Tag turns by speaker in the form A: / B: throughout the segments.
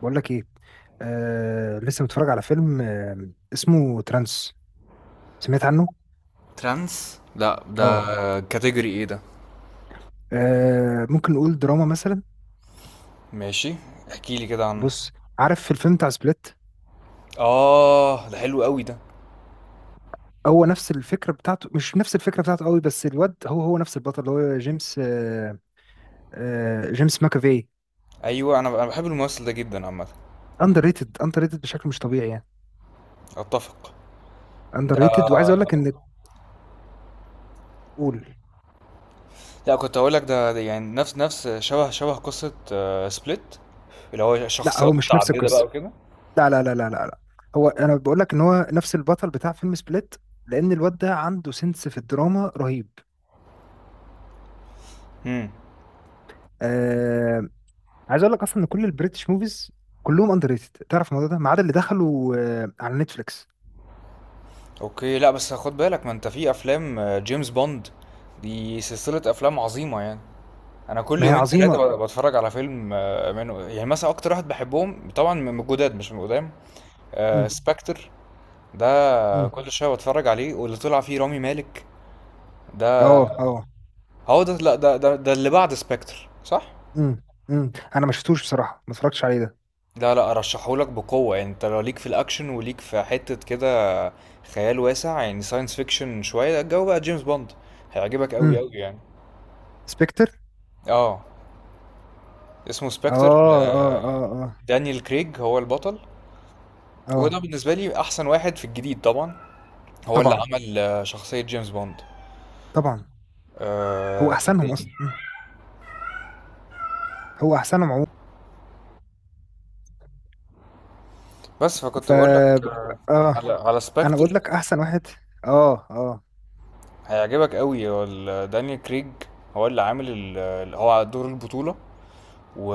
A: بقول لك ايه؟ لسه متفرج على فيلم اسمه ترانس. سمعت عنه؟
B: ترانس، لا.
A: اه.
B: ده كاتيجوري ايه ده؟
A: ممكن نقول دراما مثلا.
B: ماشي. احكي لي كده عنه.
A: بص. عارف في الفيلم بتاع سبليت؟
B: اه، ده حلو قوي ده.
A: هو نفس الفكره بتاعته، مش نفس الفكره بتاعته قوي، بس الواد هو هو نفس البطل اللي هو جيمس جيمس ماكافي.
B: ايوه، انا بحب الممثل ده جدا عامه.
A: اندر ريتد، اندر ريتد بشكل مش طبيعي يعني.
B: اتفق.
A: اندر
B: ده.
A: ريتد. وعايز اقول لك ان... قول.
B: لا، كنت اقول لك ده يعني نفس شبه قصه سبليت، اللي هو
A: لا،
B: شخصيات
A: هو مش نفس
B: متعدده بقى
A: القصه.
B: وكده.
A: لا لا لا لا لا لا. هو انا بقول لك ان هو نفس البطل بتاع فيلم سبليت. لان الواد ده عنده سنس في الدراما رهيب.
B: امم
A: آه. عايز اقول لك اصلا ان كل البريتش موفيز كلهم اندر ريتد، تعرف الموضوع ده، ما عدا اللي دخلوا على نتفليكس.
B: اوكي. لا بس خد بالك، ما انت في افلام جيمس بوند، دي سلسله افلام عظيمه يعني. انا كل
A: ما هي
B: يومين
A: عظيمه.
B: 3 بتفرج على فيلم منه، يعني مثلا اكتر واحد بحبهم طبعا من الجداد مش من القدام. آه،
A: امم.
B: سبكتر ده.
A: امم.
B: كل شويه بتفرج عليه، واللي طلع فيه رامي مالك
A: اه
B: ده.
A: اه.
B: هو ده؟ لا، ده اللي بعد سبكتر، صح؟
A: امم انا ما شفتوش بصراحه، ما اتفرجتش عليه ده.
B: لا، لا، ارشحهولك بقوه، يعني انت لو ليك في الاكشن وليك في حته كده، خيال واسع، يعني ساينس فيكشن شويه الجو بقى جيمس بوند، هيعجبك قوي
A: امم.
B: قوي يعني.
A: سبكتر.
B: اه، اسمه
A: اه
B: سبكتر.
A: اه اه اه
B: دانيال كريج هو البطل، وده
A: اه.
B: بالنسبه لي احسن واحد في الجديد طبعا. هو اللي
A: طبعا.
B: عمل شخصيه جيمس بوند.
A: طبعا. هو
B: آه.
A: احسنهم اصلا هو احسنهم عموما.
B: بس فكنت
A: ف
B: بقول لك
A: اه.
B: على
A: انا بقول
B: سبكتر.
A: لك احسن واحد. اه اه.
B: هيعجبك قوي. هو دانيال كريج، هو اللي عامل هو على دور البطولة. و...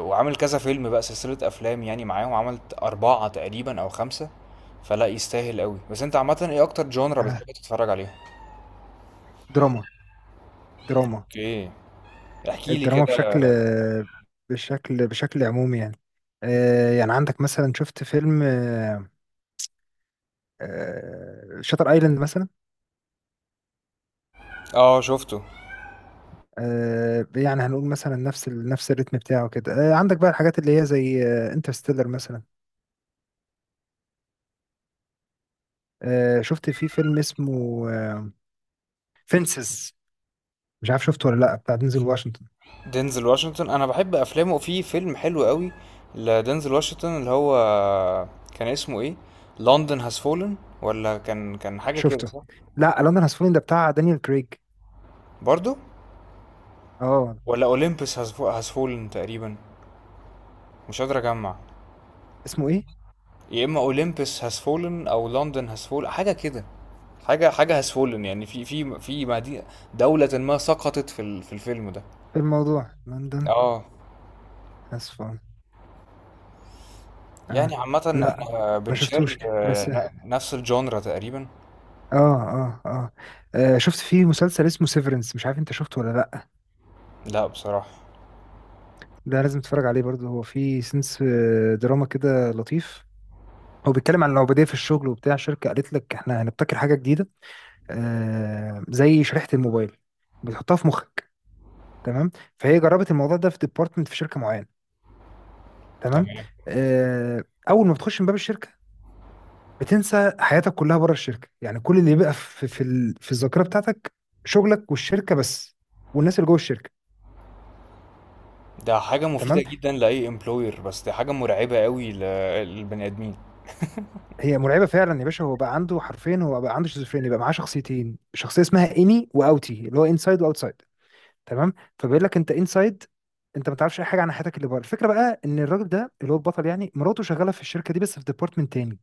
B: وعامل كذا فيلم بقى، سلسلة أفلام، يعني معاهم عملت أربعة تقريبا أو خمسة، فلا يستاهل قوي. بس أنت عامة إيه أكتر جونرا
A: آه.
B: بتحب تتفرج عليها؟
A: دراما. دراما.
B: أوكي. احكي لي
A: الدراما
B: كده.
A: بشكل بشكل عمومي يعني. يعني عندك مثلا، شفت فيلم شاتر ايلاند مثلا؟
B: اه، شفته.
A: يعني هنقول مثلا نفس نفس الريتم بتاعه كده. عندك بقى الحاجات اللي هي زي انترستيلر مثلا. شفت في فيلم اسمه فينسز؟ مش عارف شفته ولا لا، بتاع دينزل واشنطن.
B: دينزل واشنطن انا بحب افلامه، في فيلم حلو قوي لدينزل واشنطن، اللي هو كان اسمه ايه؟ لندن هاز فولن، ولا كان حاجه كده،
A: شفته.
B: صح؟
A: لا، لندن هاز فولن ده بتاع دانيال كريج.
B: برضو.
A: اه.
B: ولا اولمبس هاز فولن تقريبا، مش قادر اجمع.
A: اسمه ايه؟
B: يا اما اولمبس هاز فولن او لندن هاز فولن، حاجه كده. حاجه هاز فولن، يعني في مدينه، دوله ما سقطت في في الفيلم ده.
A: في الموضوع لندن
B: اه.
A: هاز فولن.
B: يعني
A: آه.
B: عامه
A: لا.
B: احنا
A: ما
B: بنشير
A: شفتوش بس.
B: نفس الجونرا تقريبا.
A: اه اه اه. شفت فيه مسلسل اسمه سيفرنس؟ مش عارف انت شفته ولا لأ.
B: لا بصراحه.
A: ده لازم تتفرج عليه برضه، هو فيه سنس دراما كده لطيف. هو بيتكلم عن العبودية في الشغل، وبتاع شركة قالت لك احنا هنبتكر حاجة جديدة زي شريحة الموبايل، بتحطها في مخك. تمام. فهي جربت الموضوع ده في ديبارتمنت في شركة معينة. تمام.
B: تمام.
A: آه. أول ما بتخش من باب الشركة بتنسى حياتك كلها بره الشركة، يعني كل اللي بيبقى في الذاكرة بتاعتك شغلك والشركة بس، والناس اللي جوه الشركة.
B: ده حاجه مفيده
A: تمام.
B: جدا لاي امبلوير، بس دي حاجه مرعبه قوي للبني ادمين.
A: هي مرعبه فعلا يا باشا. هو بقى عنده حرفين، هو بقى عنده شيزوفرينيا، بقى معاه شخصيتين، شخصيه اسمها اني واوتي اللي هو انسايد واوتسايد. تمام. فبيقول لك انت انسايد، انت ما تعرفش اي حاجه عن حياتك اللي بره. الفكره بقى ان الراجل ده اللي هو البطل، يعني مراته شغاله في الشركه دي بس في ديبارتمنت تاني.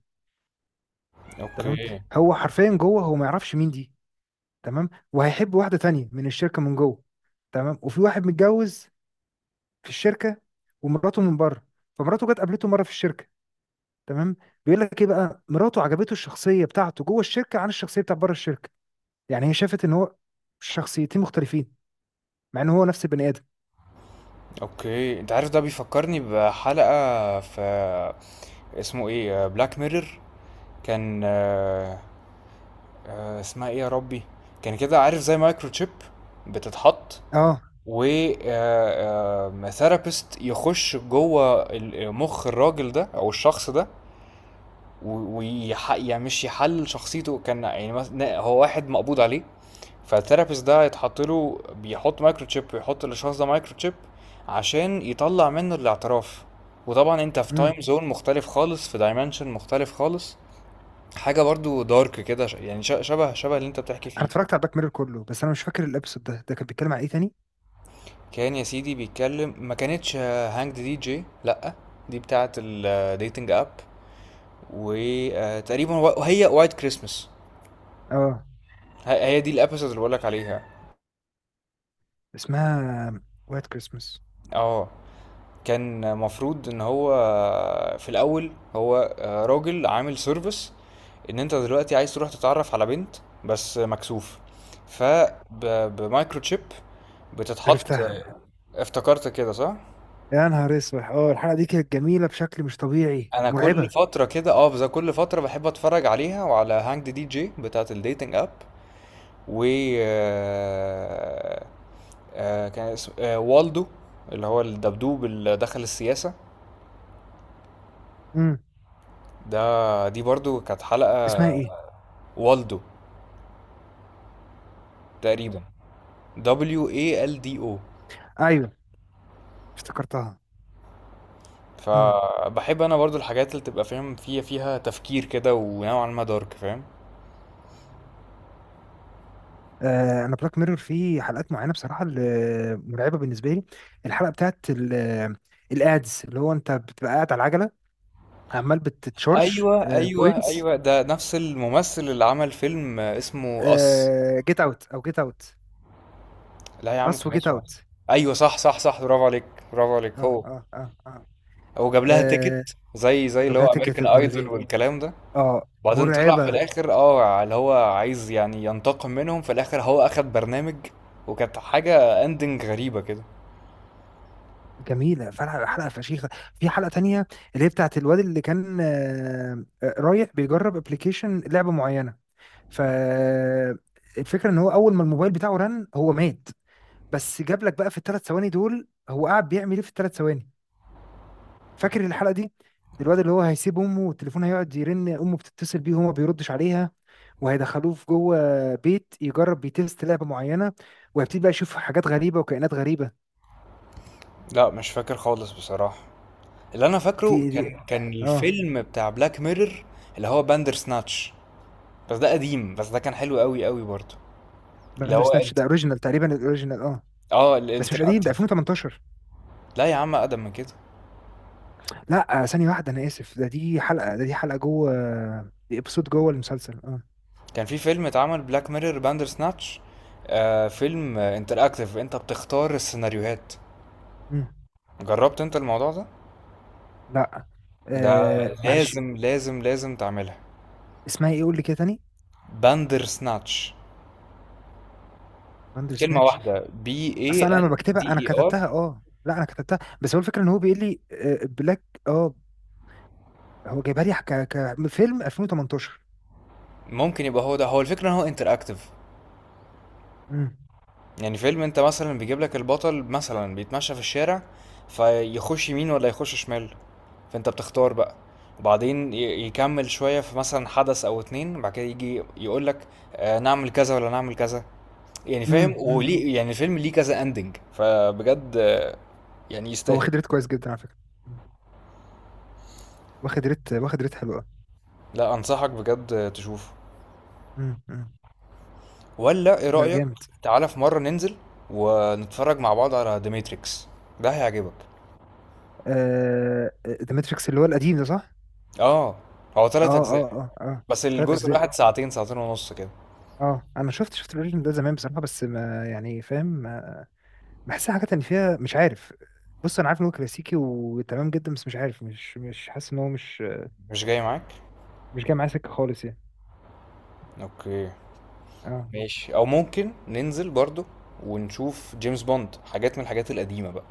A: تمام.
B: اوكي.
A: هو حرفيا جوه هو ما يعرفش مين دي. تمام. وهيحب واحده تانية من الشركه من جوه. تمام. وفي واحد متجوز في الشركه ومراته من بره، فمراته جت قابلته مره في الشركه. تمام. بيقول لك ايه بقى، مراته عجبته الشخصيه بتاعته جوه الشركه عن الشخصيه بتاعت بره الشركه. يعني هي شافت ان هو شخصيتين مختلفين، مع ان هو نفس البني ادم.
B: اوكي، انت عارف ده بيفكرني بحلقة في، اسمه ايه، بلاك ميرور. كان اسمها ايه يا ربي؟ كان كده، عارف، زي مايكرو تشيب بتتحط،
A: اه.
B: و ثيرابيست يخش جوه مخ الراجل ده او الشخص ده، ويح، يعني مش يحل شخصيته، كان يعني مثلا هو واحد مقبوض عليه، فالثيرابيست ده يتحط له، بيحط مايكرو تشيب، ويحط للشخص ده مايكرو تشيب عشان يطلع منه الاعتراف. وطبعا انت في
A: امم.
B: تايم زون مختلف خالص، في دايمنشن مختلف خالص. حاجة برضو دارك كده، يعني شبه اللي انت بتحكي
A: انا
B: فيه.
A: اتفرجت على الباك ميرور كله بس انا مش فاكر الابيسود ده. كان بيتكلم عن ايه تاني؟
B: كان يا سيدي بيتكلم، ما كانتش هانجد دي جي، لأ، دي بتاعة الديتنج اب، وتقريبا هي وايت كريسمس.
A: اه.
B: هي دي الابيسود اللي بقولك عليها.
A: اسمها وايت كريسمس.
B: اه. كان مفروض ان هو في الاول، هو راجل عامل سيرفيس، ان انت دلوقتي عايز تروح تتعرف على بنت بس مكسوف، فبمايكرو تشيب بتتحط
A: عرفتها.
B: افتكرت كده صح؟
A: يا نهار اسود، اه الحلقه دي كانت جميله بشكل مش طبيعي،
B: انا كل
A: مرعبه.
B: فتره كده اه، بس كل فتره بحب اتفرج عليها وعلى هانج دي جي بتاعه الديتنج اب. و آه، آه، كان اسمه والدو، اللي هو الدبدوب اللي دخل السياسه
A: امم.
B: ده. دي برضو كانت حلقه،
A: اسمها ايه؟
B: والدو تقريبا، Waldo.
A: ايوه. افتكرتها. مم.
B: فبحب انا برضو الحاجات اللي تبقى فاهم فيها تفكير كده ونوعا ما دارك، فاهم.
A: انا بلاك ميرور فيه حلقات معينه بصراحه اللي مرعبه بالنسبه لي. الحلقه بتاعت الادز، اللي هو انت بتبقى قاعد على العجله عمال بتتشارج
B: ايوه، ايوه،
A: بوينتس.
B: ايوه، ده نفس الممثل اللي عمل فيلم اسمه اس.
A: جيت اوت. او جيت اوت.
B: لا يا عم،
A: اس
B: كان
A: وجيت
B: اسمه اس.
A: اوت.
B: ايوه، صح، صح، صح، برافو عليك، برافو عليك.
A: اه
B: هو
A: اه اه اه.
B: هو جاب لها تيكت،
A: آه.
B: زي
A: وجاب
B: اللي
A: لها
B: هو
A: تكه
B: امريكان
A: ابن
B: ايدول
A: لذين.
B: والكلام ده.
A: اه،
B: بعدين طلع في
A: مرعبه.
B: الاخر، اه، اللي هو عايز يعني ينتقم منهم في الاخر، هو اخد برنامج، وكانت حاجة اندنج غريبة كده.
A: جميله فعلا حلقه فشيخه. في حلقه تانية اللي هي بتاعت الواد اللي كان رايح بيجرب ابلكيشن لعبه معينه. فالفكره ان هو اول ما الموبايل بتاعه رن هو مات. بس جاب لك بقى في الثلاث ثواني دول هو قاعد بيعمل ايه في الثلاث ثواني. فاكر الحلقه دي؟ الواد اللي هو هيسيب امه والتليفون هيقعد يرن، امه بتتصل بيه وهو ما بيردش عليها. وهيدخلوه في جوه بيت يجرب بيتست لعبه معينه. وهيبتدي بقى يشوف حاجات غريبه وكائنات غريبه.
B: لأ مش فاكر خالص بصراحة. اللي أنا فاكره
A: دي.
B: كان
A: اه.
B: الفيلم بتاع بلاك ميرور، اللي هو باندرسناتش، بس ده قديم، بس ده كان حلو أوي أوي برضه. اللي
A: باندر
B: هو
A: سناتش
B: انت،
A: ده اوريجينال تقريبا، الاوريجينال اه. بس مش قديم، ده
B: الinteractive.
A: 2018.
B: لا يا عم، أقدم من كده.
A: لا. ثانيه واحده انا اسف. ده دي حلقه جوه. دي ابسود جوه المسلسل اه.
B: كان في فيلم اتعمل، بلاك ميرور باندرسناتش، آه فيلم interactive، أنت بتختار السيناريوهات.
A: مم.
B: جربت أنت الموضوع ده؟
A: لا.
B: ده
A: معلش.
B: لازم، لازم، لازم تعملها.
A: اسمها ايه؟ قول لي كده تاني.
B: باندرسناتش،
A: باندر
B: كلمة
A: سناتش.
B: واحدة. B
A: اصل
B: A
A: انا
B: N
A: لما
B: D
A: بكتبها، انا
B: E
A: كتبتها
B: R
A: اه لا انا كتبتها، بس هو الفكره ان هو بيقول لي بلاك. اه. هو جايبها لي كفيلم 2018.
B: ممكن يبقى هو ده. هو الفكرة إن هو interactive،
A: امم
B: يعني فيلم انت مثلا بيجيب لك البطل مثلا بيتمشى في الشارع، فيخش يمين ولا يخش شمال، فانت بتختار بقى، وبعدين يكمل شوية، في مثلا حدث او اتنين، بعد كده يجي يقول لك، آه، نعمل كذا ولا نعمل كذا، يعني فاهم،
A: امم امم
B: وليه يعني الفيلم ليه كذا اندنج. فبجد يعني
A: هو
B: يستاهل.
A: واخد ريت كويس جدا على فكره. مم. واخد ريت، واخد ريت حلو قوي.
B: لا، انصحك بجد تشوفه.
A: امم امم
B: ولا ايه
A: لا،
B: رأيك؟
A: جامد.
B: تعالى في مرة ننزل ونتفرج مع بعض على ذا ماتريكس، ده هيعجبك.
A: ذا ماتريكس اللي هو القديم ده صح؟
B: اه، هو
A: اه
B: تلات اجزاء،
A: اه اه اه.
B: بس
A: ثلاث
B: الجزء
A: اجزاء.
B: الواحد ساعتين، ساعتين ونص كده.
A: اه، انا شفت الاوريجين ده زمان بصراحه، بس ما يعني فاهم. بحسها حاجات ان فيها مش عارف. بص، انا عارف ان هو كلاسيكي وتمام جدا، بس مش عارف، مش مش حاسس ان هو مش...
B: مش جاي معاك.
A: مش جاي معايا سكه خالص يعني.
B: اوكي،
A: اه.
B: ماشي، او ممكن ننزل برضو ونشوف جيمس بوند، حاجات من الحاجات القديمة بقى.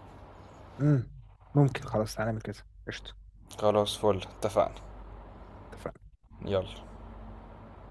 A: امم. ممكن خلاص، تعالى نعمل كده. قشطه.
B: خلاص، فل، اتفقنا.
A: اتفقنا.
B: يلا.